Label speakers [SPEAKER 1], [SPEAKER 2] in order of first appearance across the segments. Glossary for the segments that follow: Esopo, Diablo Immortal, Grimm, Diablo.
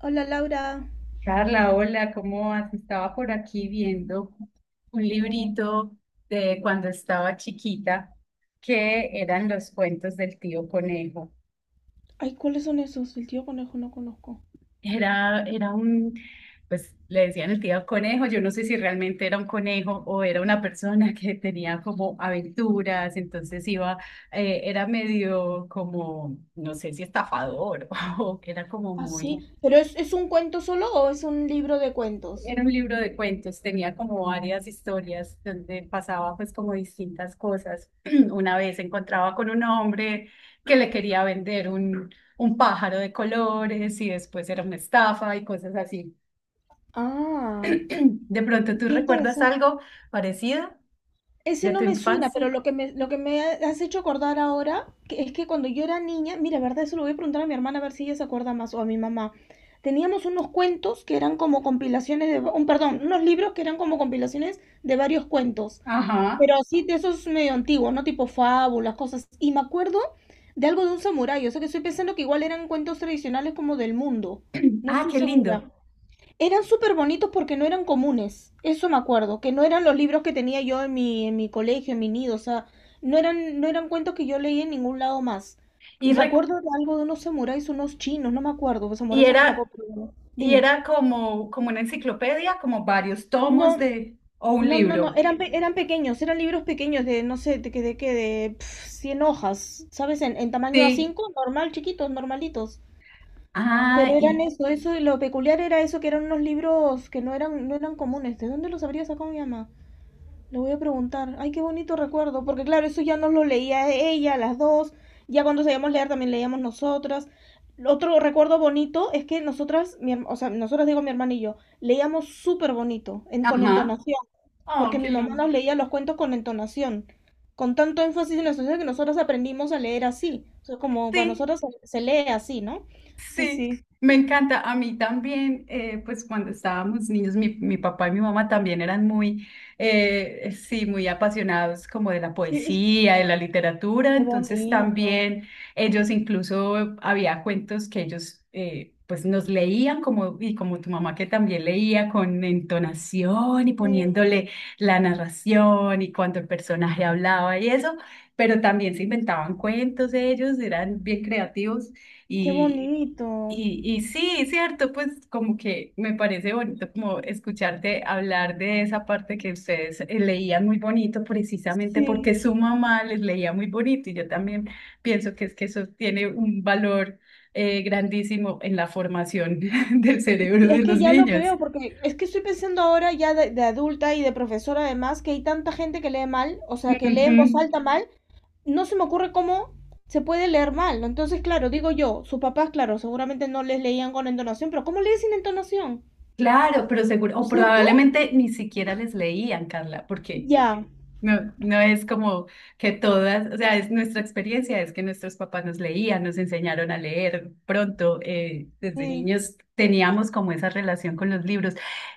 [SPEAKER 1] Hola Laura.
[SPEAKER 2] Carla, hola, ¿cómo vas? Estaba por aquí viendo un librito de cuando estaba chiquita, que eran los cuentos del tío Conejo.
[SPEAKER 1] Ay, ¿cuáles son esos? El tío conejo no conozco.
[SPEAKER 2] Era, era un, pues le decían el tío Conejo, yo no sé si realmente era un conejo o era una persona que tenía como aventuras, entonces iba, era medio como, no sé si estafador o era como
[SPEAKER 1] Ah, sí.
[SPEAKER 2] muy.
[SPEAKER 1] ¿Pero es un cuento solo o es un libro de cuentos?
[SPEAKER 2] Era un libro de cuentos, tenía como varias historias donde pasaba pues como distintas cosas. Una vez se encontraba con un hombre que le quería vender un pájaro de colores y después era una estafa y cosas así.
[SPEAKER 1] Ah,
[SPEAKER 2] ¿De pronto tú
[SPEAKER 1] qué
[SPEAKER 2] recuerdas
[SPEAKER 1] interesante.
[SPEAKER 2] algo parecido
[SPEAKER 1] Ese
[SPEAKER 2] de tu
[SPEAKER 1] no me suena,
[SPEAKER 2] infancia?
[SPEAKER 1] pero lo que me ha- has hecho acordar ahora que es que cuando yo era niña, mira, verdad, eso lo voy a preguntar a mi hermana a ver si ella se acuerda más o a mi mamá. Teníamos unos cuentos que eran como compilaciones de, un, perdón, unos libros que eran como compilaciones de varios cuentos. Pero
[SPEAKER 2] Ajá.
[SPEAKER 1] así de esos medio antiguos, ¿no? Tipo fábulas, cosas. Y me acuerdo de algo de un samurái, o sea que estoy pensando que igual eran cuentos tradicionales como del mundo. No
[SPEAKER 2] Ah,
[SPEAKER 1] estoy
[SPEAKER 2] qué lindo.
[SPEAKER 1] segura. Eran súper bonitos porque no eran comunes. Eso me acuerdo, que no eran los libros que tenía yo en mi colegio, en mi nido. O sea, no eran cuentos que yo leí en ningún lado más.
[SPEAKER 2] Y,
[SPEAKER 1] Y me
[SPEAKER 2] recu-
[SPEAKER 1] acuerdo de algo de unos samuráis, unos chinos, no me acuerdo, los
[SPEAKER 2] y
[SPEAKER 1] samuráis son de Japón,
[SPEAKER 2] era,
[SPEAKER 1] pero bueno.
[SPEAKER 2] y
[SPEAKER 1] Dime.
[SPEAKER 2] era como, como una enciclopedia, como varios
[SPEAKER 1] No,
[SPEAKER 2] tomos de, o un
[SPEAKER 1] no, no, no,
[SPEAKER 2] libro.
[SPEAKER 1] eran pequeños, eran libros pequeños de, no sé, de qué de, que de pf, 100 hojas, ¿sabes? En tamaño a
[SPEAKER 2] Sí,
[SPEAKER 1] cinco, normal, chiquitos, normalitos. Pero
[SPEAKER 2] ah,
[SPEAKER 1] eran
[SPEAKER 2] y,
[SPEAKER 1] eso, eso, lo peculiar era eso, que eran unos libros que no eran comunes. ¿De dónde los habría sacado mi mamá? Le voy a preguntar. Ay, qué bonito recuerdo, porque claro, eso ya nos lo leía ella, las dos. Ya cuando sabíamos leer también leíamos nosotras. Otro recuerdo bonito es que nosotras, o sea, nosotras digo mi hermana y yo, leíamos súper bonito, en, con
[SPEAKER 2] ajá.
[SPEAKER 1] entonación
[SPEAKER 2] Oh,
[SPEAKER 1] porque
[SPEAKER 2] qué
[SPEAKER 1] mi mamá
[SPEAKER 2] lindo.
[SPEAKER 1] nos leía los cuentos con entonación, con tanto énfasis en la sociedad que nosotros aprendimos a leer así, o sea, como para
[SPEAKER 2] Sí,
[SPEAKER 1] nosotros se lee así, ¿no? Sí,
[SPEAKER 2] sí,
[SPEAKER 1] sí,
[SPEAKER 2] me encanta. A mí también, pues cuando estábamos niños, mi papá y mi mamá también eran muy, sí, muy apasionados como de la
[SPEAKER 1] sí,
[SPEAKER 2] poesía, de la literatura.
[SPEAKER 1] qué
[SPEAKER 2] Entonces
[SPEAKER 1] bonito,
[SPEAKER 2] también ellos, incluso había cuentos que ellos, pues nos leían como, y como tu mamá que también leía con entonación y
[SPEAKER 1] sí,
[SPEAKER 2] poniéndole la narración y cuando el personaje hablaba y eso, pero también se inventaban cuentos ellos, eran bien creativos.
[SPEAKER 1] qué
[SPEAKER 2] Y,
[SPEAKER 1] bonito,
[SPEAKER 2] y sí, cierto, pues como que me parece bonito como escucharte hablar de esa parte que ustedes, leían muy bonito precisamente porque
[SPEAKER 1] sí.
[SPEAKER 2] su mamá les leía muy bonito, y yo también pienso que es que eso tiene un valor, grandísimo en la formación del cerebro
[SPEAKER 1] Sí, es
[SPEAKER 2] de
[SPEAKER 1] que
[SPEAKER 2] los
[SPEAKER 1] ya lo
[SPEAKER 2] niños.
[SPEAKER 1] creo, porque es que estoy pensando ahora ya de adulta y de profesora además que hay tanta gente que lee mal, o sea, que lee
[SPEAKER 2] Ujú.
[SPEAKER 1] en voz alta mal, no se me ocurre cómo se puede leer mal. ¿No? Entonces, claro, digo yo, sus papás, claro, seguramente no les leían con entonación, pero ¿cómo lees sin entonación?
[SPEAKER 2] Claro, pero seguro,
[SPEAKER 1] ¿No
[SPEAKER 2] o
[SPEAKER 1] es cierto?
[SPEAKER 2] probablemente ni siquiera les leían, Carla, porque
[SPEAKER 1] Ya,
[SPEAKER 2] no, no es como que todas, o sea, es nuestra experiencia, es que nuestros papás nos leían, nos enseñaron a leer pronto, desde
[SPEAKER 1] sí,
[SPEAKER 2] niños teníamos como esa relación con los libros.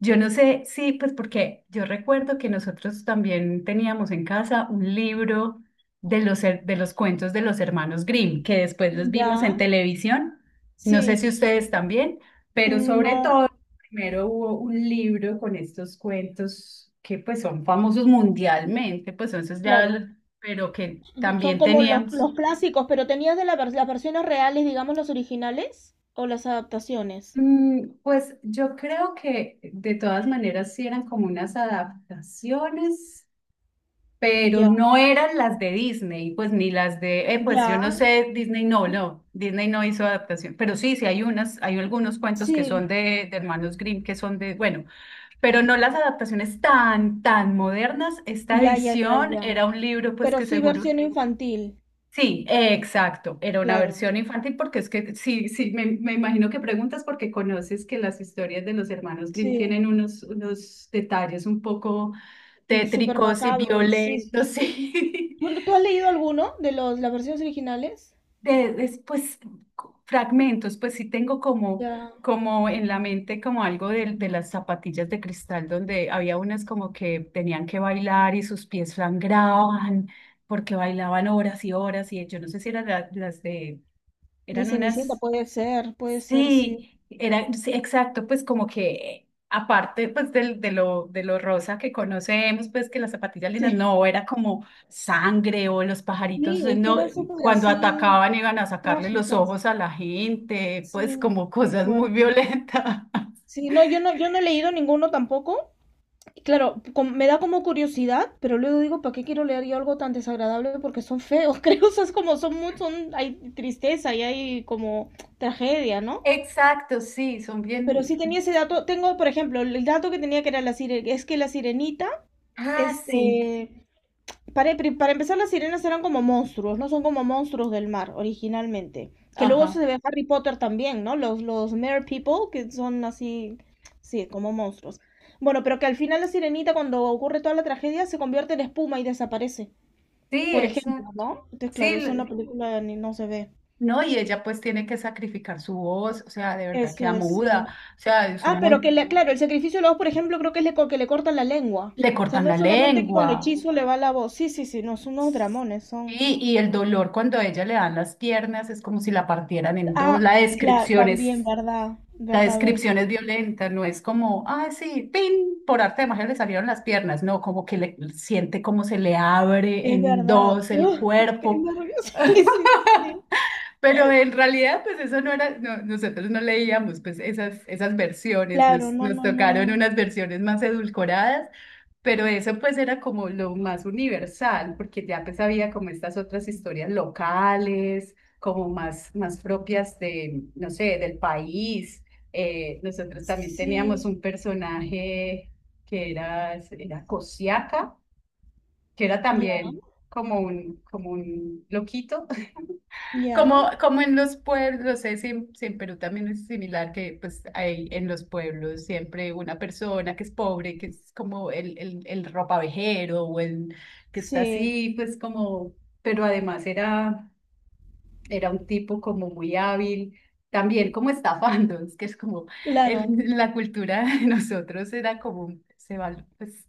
[SPEAKER 2] Yo no sé, sí, pues porque yo recuerdo que nosotros también teníamos en casa un libro de de los cuentos de los hermanos Grimm, que después los vimos en
[SPEAKER 1] ya,
[SPEAKER 2] televisión, no sé
[SPEAKER 1] sí,
[SPEAKER 2] si ustedes también, pero sobre
[SPEAKER 1] no,
[SPEAKER 2] todo... Primero hubo un libro con estos cuentos que pues son famosos mundialmente, pues entonces ya,
[SPEAKER 1] claro,
[SPEAKER 2] l-, pero que
[SPEAKER 1] son
[SPEAKER 2] también
[SPEAKER 1] como
[SPEAKER 2] teníamos.
[SPEAKER 1] los clásicos, pero tenías de la las versiones reales, digamos, las originales o las adaptaciones.
[SPEAKER 2] Mm, pues yo creo que de todas maneras sí eran como unas adaptaciones, pero
[SPEAKER 1] Ya,
[SPEAKER 2] no eran las de Disney, pues ni las de, pues yo
[SPEAKER 1] ya,
[SPEAKER 2] no sé, Disney no, no, Disney no hizo adaptación, pero sí, sí hay unas, hay algunos cuentos que son
[SPEAKER 1] sí,
[SPEAKER 2] de Hermanos Grimm que son de, bueno. Pero no las adaptaciones tan, tan modernas. Esta
[SPEAKER 1] ya, ya, ya,
[SPEAKER 2] edición
[SPEAKER 1] ya,
[SPEAKER 2] era un libro, pues
[SPEAKER 1] pero
[SPEAKER 2] que
[SPEAKER 1] sí
[SPEAKER 2] seguro.
[SPEAKER 1] versión infantil,
[SPEAKER 2] Sí, exacto, era una
[SPEAKER 1] claro,
[SPEAKER 2] versión infantil porque es que sí, sí, me imagino que preguntas porque conoces que las historias de los hermanos Grimm
[SPEAKER 1] sí,
[SPEAKER 2] tienen unos, unos detalles un poco
[SPEAKER 1] mm, súper
[SPEAKER 2] tétricos y
[SPEAKER 1] macabro, sí, sí,
[SPEAKER 2] violentos,
[SPEAKER 1] sí.
[SPEAKER 2] sí.
[SPEAKER 1] ¿Tú has leído alguno de los, las versiones originales?
[SPEAKER 2] Pues fragmentos, pues sí tengo como,
[SPEAKER 1] Ya,
[SPEAKER 2] como en la mente como algo de las zapatillas de cristal donde había unas como que tenían que bailar y sus pies sangraban porque bailaban horas y horas, y yo no sé si eran las de,
[SPEAKER 1] de
[SPEAKER 2] eran
[SPEAKER 1] Cenicienta,
[SPEAKER 2] unas...
[SPEAKER 1] puede ser, sí,
[SPEAKER 2] Sí, era, sí, exacto, pues como que aparte pues de lo rosa que conocemos, pues que las zapatillas lindas,
[SPEAKER 1] sí.
[SPEAKER 2] no, era como sangre o los pajaritos,
[SPEAKER 1] Sí, es que
[SPEAKER 2] no,
[SPEAKER 1] eran súper
[SPEAKER 2] cuando
[SPEAKER 1] así
[SPEAKER 2] atacaban iban a sacarle los
[SPEAKER 1] trágicas.
[SPEAKER 2] ojos a la gente, pues
[SPEAKER 1] Sí,
[SPEAKER 2] como
[SPEAKER 1] qué
[SPEAKER 2] cosas muy
[SPEAKER 1] fuerte.
[SPEAKER 2] violentas.
[SPEAKER 1] Sí, no, yo no he leído ninguno tampoco. Y claro, me da como curiosidad, pero luego digo, ¿para qué quiero leer yo algo tan desagradable? Porque son feos, creo, o sea, es como son muy, hay tristeza y hay como tragedia, ¿no?
[SPEAKER 2] Exacto, sí, son
[SPEAKER 1] Pero sí
[SPEAKER 2] bien.
[SPEAKER 1] tenía ese dato, tengo, por ejemplo, el dato que tenía que era la es que la sirenita,
[SPEAKER 2] Ah, sí,
[SPEAKER 1] este, para empezar, las sirenas eran como monstruos, ¿no? Son como monstruos del mar originalmente. Que luego se
[SPEAKER 2] ajá,
[SPEAKER 1] ve en Harry Potter también, ¿no? Los Mer People, que son así, sí, como monstruos. Bueno, pero que al final la sirenita, cuando ocurre toda la tragedia, se convierte en espuma y desaparece.
[SPEAKER 2] sí,
[SPEAKER 1] Por ejemplo,
[SPEAKER 2] exacto.
[SPEAKER 1] ¿no? Entonces,
[SPEAKER 2] Sí,
[SPEAKER 1] claro, eso en la
[SPEAKER 2] l-,
[SPEAKER 1] película ni no se ve.
[SPEAKER 2] no, y ella pues tiene que sacrificar su voz, o sea, de verdad
[SPEAKER 1] Eso
[SPEAKER 2] queda
[SPEAKER 1] es,
[SPEAKER 2] muda,
[SPEAKER 1] sí.
[SPEAKER 2] o sea, es
[SPEAKER 1] Ah,
[SPEAKER 2] un
[SPEAKER 1] pero que,
[SPEAKER 2] montón.
[SPEAKER 1] le, claro, el sacrificio de la voz, por ejemplo, creo que que le cortan la lengua.
[SPEAKER 2] Le
[SPEAKER 1] O sea,
[SPEAKER 2] cortan
[SPEAKER 1] no
[SPEAKER 2] la
[SPEAKER 1] solamente que con
[SPEAKER 2] lengua.
[SPEAKER 1] el hechizo le va la voz. Sí, sí, sí, no, son unos dramones, son.
[SPEAKER 2] Sí, y el dolor cuando a ella le dan las piernas es como si la partieran en dos.
[SPEAKER 1] Ah, claro, también, verdad,
[SPEAKER 2] La
[SPEAKER 1] verdad, verdad.
[SPEAKER 2] descripción es violenta, no es como, ah, sí, pin, por arte de magia le salieron las piernas. No, como que le siente como se le abre
[SPEAKER 1] Es
[SPEAKER 2] en
[SPEAKER 1] verdad.
[SPEAKER 2] dos el
[SPEAKER 1] Uf, qué
[SPEAKER 2] cuerpo.
[SPEAKER 1] nervios. Sí, sí, sí. Sí.
[SPEAKER 2] Pero en realidad, pues eso no era, no, nosotros no leíamos pues esas, esas versiones,
[SPEAKER 1] Claro,
[SPEAKER 2] nos,
[SPEAKER 1] no,
[SPEAKER 2] nos
[SPEAKER 1] no, no,
[SPEAKER 2] tocaron
[SPEAKER 1] no.
[SPEAKER 2] unas versiones más edulcoradas. Pero eso pues era como lo más universal, porque ya pues había como estas otras historias locales, como más, más propias de, no sé, del país. Nosotros también teníamos
[SPEAKER 1] Sí,
[SPEAKER 2] un personaje era Cosiaca, que era
[SPEAKER 1] ya,
[SPEAKER 2] también como un loquito
[SPEAKER 1] ya.
[SPEAKER 2] como, como en los pueblos, no sé si, en si en Perú también es similar, que pues hay en los pueblos siempre una persona que es pobre, que es como el ropavejero o el que está
[SPEAKER 1] Sí,
[SPEAKER 2] así, pues como, pero además era un tipo como muy hábil, también como estafando, es que es como,
[SPEAKER 1] claro.
[SPEAKER 2] el la cultura de nosotros era como, se val-, pues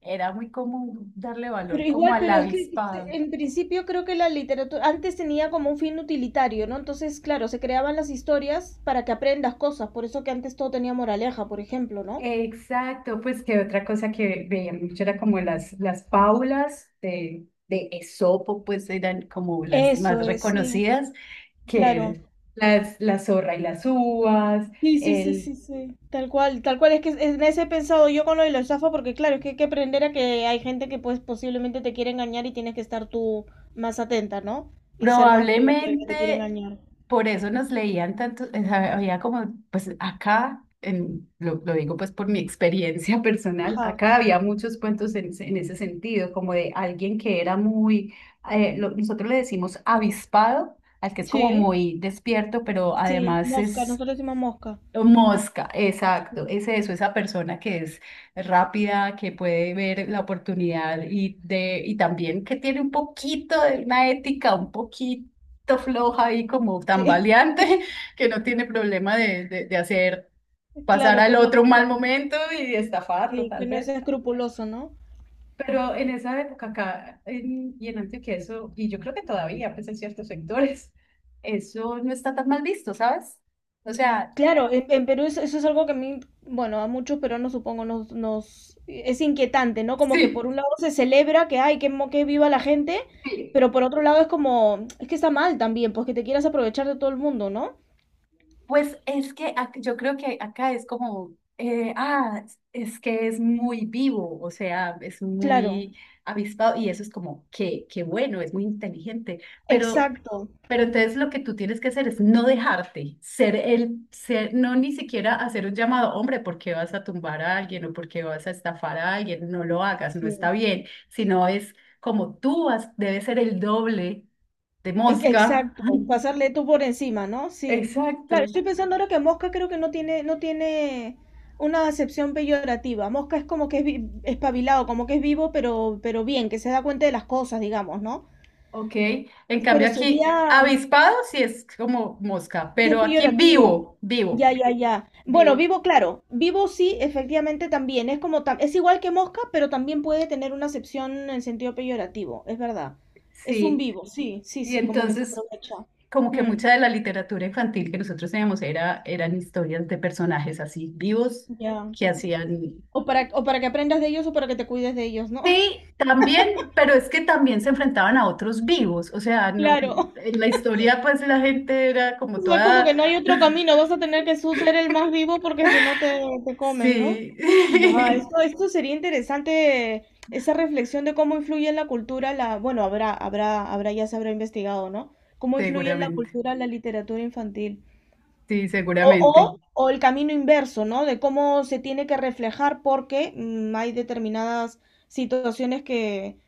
[SPEAKER 2] era muy común darle
[SPEAKER 1] Pero
[SPEAKER 2] valor como
[SPEAKER 1] igual,
[SPEAKER 2] al
[SPEAKER 1] pero es que
[SPEAKER 2] avispado.
[SPEAKER 1] en principio creo que la literatura antes tenía como un fin utilitario, ¿no? Entonces, claro, se creaban las historias para que aprendas cosas. Por eso que antes todo tenía moraleja, por ejemplo, ¿no?
[SPEAKER 2] Exacto, pues que otra cosa que veía mucho era como las fábulas de Esopo, pues eran como las
[SPEAKER 1] Eso
[SPEAKER 2] más
[SPEAKER 1] es, sí,
[SPEAKER 2] reconocidas,
[SPEAKER 1] claro.
[SPEAKER 2] que las, la zorra y las uvas,
[SPEAKER 1] Sí, sí, sí, sí,
[SPEAKER 2] el.
[SPEAKER 1] sí, tal cual, es que en ese he pensado yo con lo de la estafa, porque claro, es que hay que aprender a que hay gente que pues posiblemente te quiere engañar y tienes que estar tú más atenta, ¿no? Y ser más viva que el que te quiere
[SPEAKER 2] Probablemente
[SPEAKER 1] engañar.
[SPEAKER 2] por eso nos leían tanto, o sea, había como, pues acá, lo digo pues por mi experiencia personal,
[SPEAKER 1] Ajá,
[SPEAKER 2] acá había muchos cuentos ese en ese sentido, como de alguien que era muy, nosotros le decimos avispado, al que es como
[SPEAKER 1] sí,
[SPEAKER 2] muy despierto, pero
[SPEAKER 1] sí,
[SPEAKER 2] además
[SPEAKER 1] mosca,
[SPEAKER 2] es
[SPEAKER 1] nosotros decimos mosca.
[SPEAKER 2] mosca, exacto,
[SPEAKER 1] Sí,
[SPEAKER 2] es eso, esa persona que es rápida, que puede ver la oportunidad y también que tiene un poquito de una ética, un poquito floja y como
[SPEAKER 1] sí.
[SPEAKER 2] tambaleante, que no tiene problema de hacer pasar
[SPEAKER 1] Claro, que
[SPEAKER 2] al
[SPEAKER 1] no,
[SPEAKER 2] otro un mal momento y de estafarlo
[SPEAKER 1] sí, que
[SPEAKER 2] tal
[SPEAKER 1] no es
[SPEAKER 2] vez.
[SPEAKER 1] escrupuloso, ¿no?
[SPEAKER 2] Pero en esa época acá en-, y en Antioquia eso, y yo creo que todavía, pues en ciertos sectores, eso no está tan mal visto, ¿sabes? O sea,
[SPEAKER 1] Claro, en Perú eso, eso es algo que a mí, bueno, a muchos peruanos supongo nos, nos es inquietante, ¿no? Como que por
[SPEAKER 2] sí.
[SPEAKER 1] un lado se celebra que ay, que, que viva la gente,
[SPEAKER 2] Sí,
[SPEAKER 1] pero por otro lado es como, es que está mal también, pues que te quieras aprovechar de todo el mundo, ¿no?
[SPEAKER 2] pues es que ac-, yo creo que acá es como, es que es muy vivo, o sea, es
[SPEAKER 1] Claro,
[SPEAKER 2] muy avispado y eso es como, qué, qué bueno, es muy inteligente, pero,
[SPEAKER 1] exacto,
[SPEAKER 2] pero entonces lo que tú tienes que hacer es no dejarte, ser ser, no ni siquiera hacer un llamado, hombre, ¿por qué vas a tumbar a alguien o por qué vas a estafar a alguien? No lo hagas, no está
[SPEAKER 1] sí,
[SPEAKER 2] bien, sino es como tú has-, debes ser el doble de mosca.
[SPEAKER 1] exacto, pasarle tú por encima, ¿no? Sí.
[SPEAKER 2] Exacto.
[SPEAKER 1] Claro, estoy pensando ahora que mosca creo que no tiene una acepción peyorativa. Mosca es como que es espabilado, como que es vivo, pero bien, que se da cuenta de las cosas, digamos, ¿no?
[SPEAKER 2] Ok, en
[SPEAKER 1] Pero
[SPEAKER 2] cambio
[SPEAKER 1] sería,
[SPEAKER 2] aquí avispado sí es como mosca,
[SPEAKER 1] si es
[SPEAKER 2] pero aquí
[SPEAKER 1] peyorativo.
[SPEAKER 2] vivo,
[SPEAKER 1] Ya,
[SPEAKER 2] vivo,
[SPEAKER 1] ya, ya. Bueno,
[SPEAKER 2] vivo,
[SPEAKER 1] vivo, claro. Vivo sí, efectivamente también. Es como es igual que mosca, pero también puede tener una acepción en sentido peyorativo. Es verdad. Es un
[SPEAKER 2] sí.
[SPEAKER 1] vivo, sí, sí,
[SPEAKER 2] Y
[SPEAKER 1] sí, como que se
[SPEAKER 2] entonces
[SPEAKER 1] aprovecha.
[SPEAKER 2] como que
[SPEAKER 1] Mm,
[SPEAKER 2] mucha de la literatura infantil que nosotros teníamos era, eran historias de personajes así vivos
[SPEAKER 1] ya.
[SPEAKER 2] que hacían...
[SPEAKER 1] O para que aprendas de ellos o para que te cuides de ellos, ¿no?
[SPEAKER 2] Sí, también, pero es que también se enfrentaban a otros vivos, o sea, no,
[SPEAKER 1] Claro.
[SPEAKER 2] en la historia pues la gente era
[SPEAKER 1] O
[SPEAKER 2] como
[SPEAKER 1] sea, como que
[SPEAKER 2] toda...
[SPEAKER 1] no hay otro camino, vas a tener que tú ser el más vivo porque si no te, te comen, ¿no?
[SPEAKER 2] Sí,
[SPEAKER 1] Buah, esto, esto sería interesante, esa reflexión de cómo influye en la cultura la, bueno, habrá, habrá, habrá, ya se habrá investigado, ¿no? Cómo influye en la
[SPEAKER 2] seguramente,
[SPEAKER 1] cultura la literatura infantil.
[SPEAKER 2] sí, seguramente.
[SPEAKER 1] O el camino inverso, ¿no? De cómo se tiene que reflejar porque mm, hay determinadas situaciones que,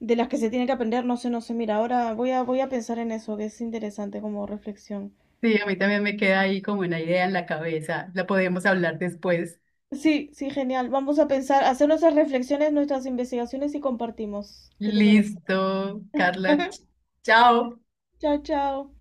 [SPEAKER 1] de las que se tiene que aprender, no sé, no sé, mira, ahora voy a pensar en eso, que es interesante como reflexión.
[SPEAKER 2] Sí, a mí también me queda ahí como una idea en la cabeza. La podemos hablar después.
[SPEAKER 1] Sí, sí, genial. Vamos a pensar, hacer nuestras reflexiones, nuestras investigaciones y compartimos. ¿Qué te parece?
[SPEAKER 2] Listo, Carla. Ch-. Chao.
[SPEAKER 1] Chao, chao.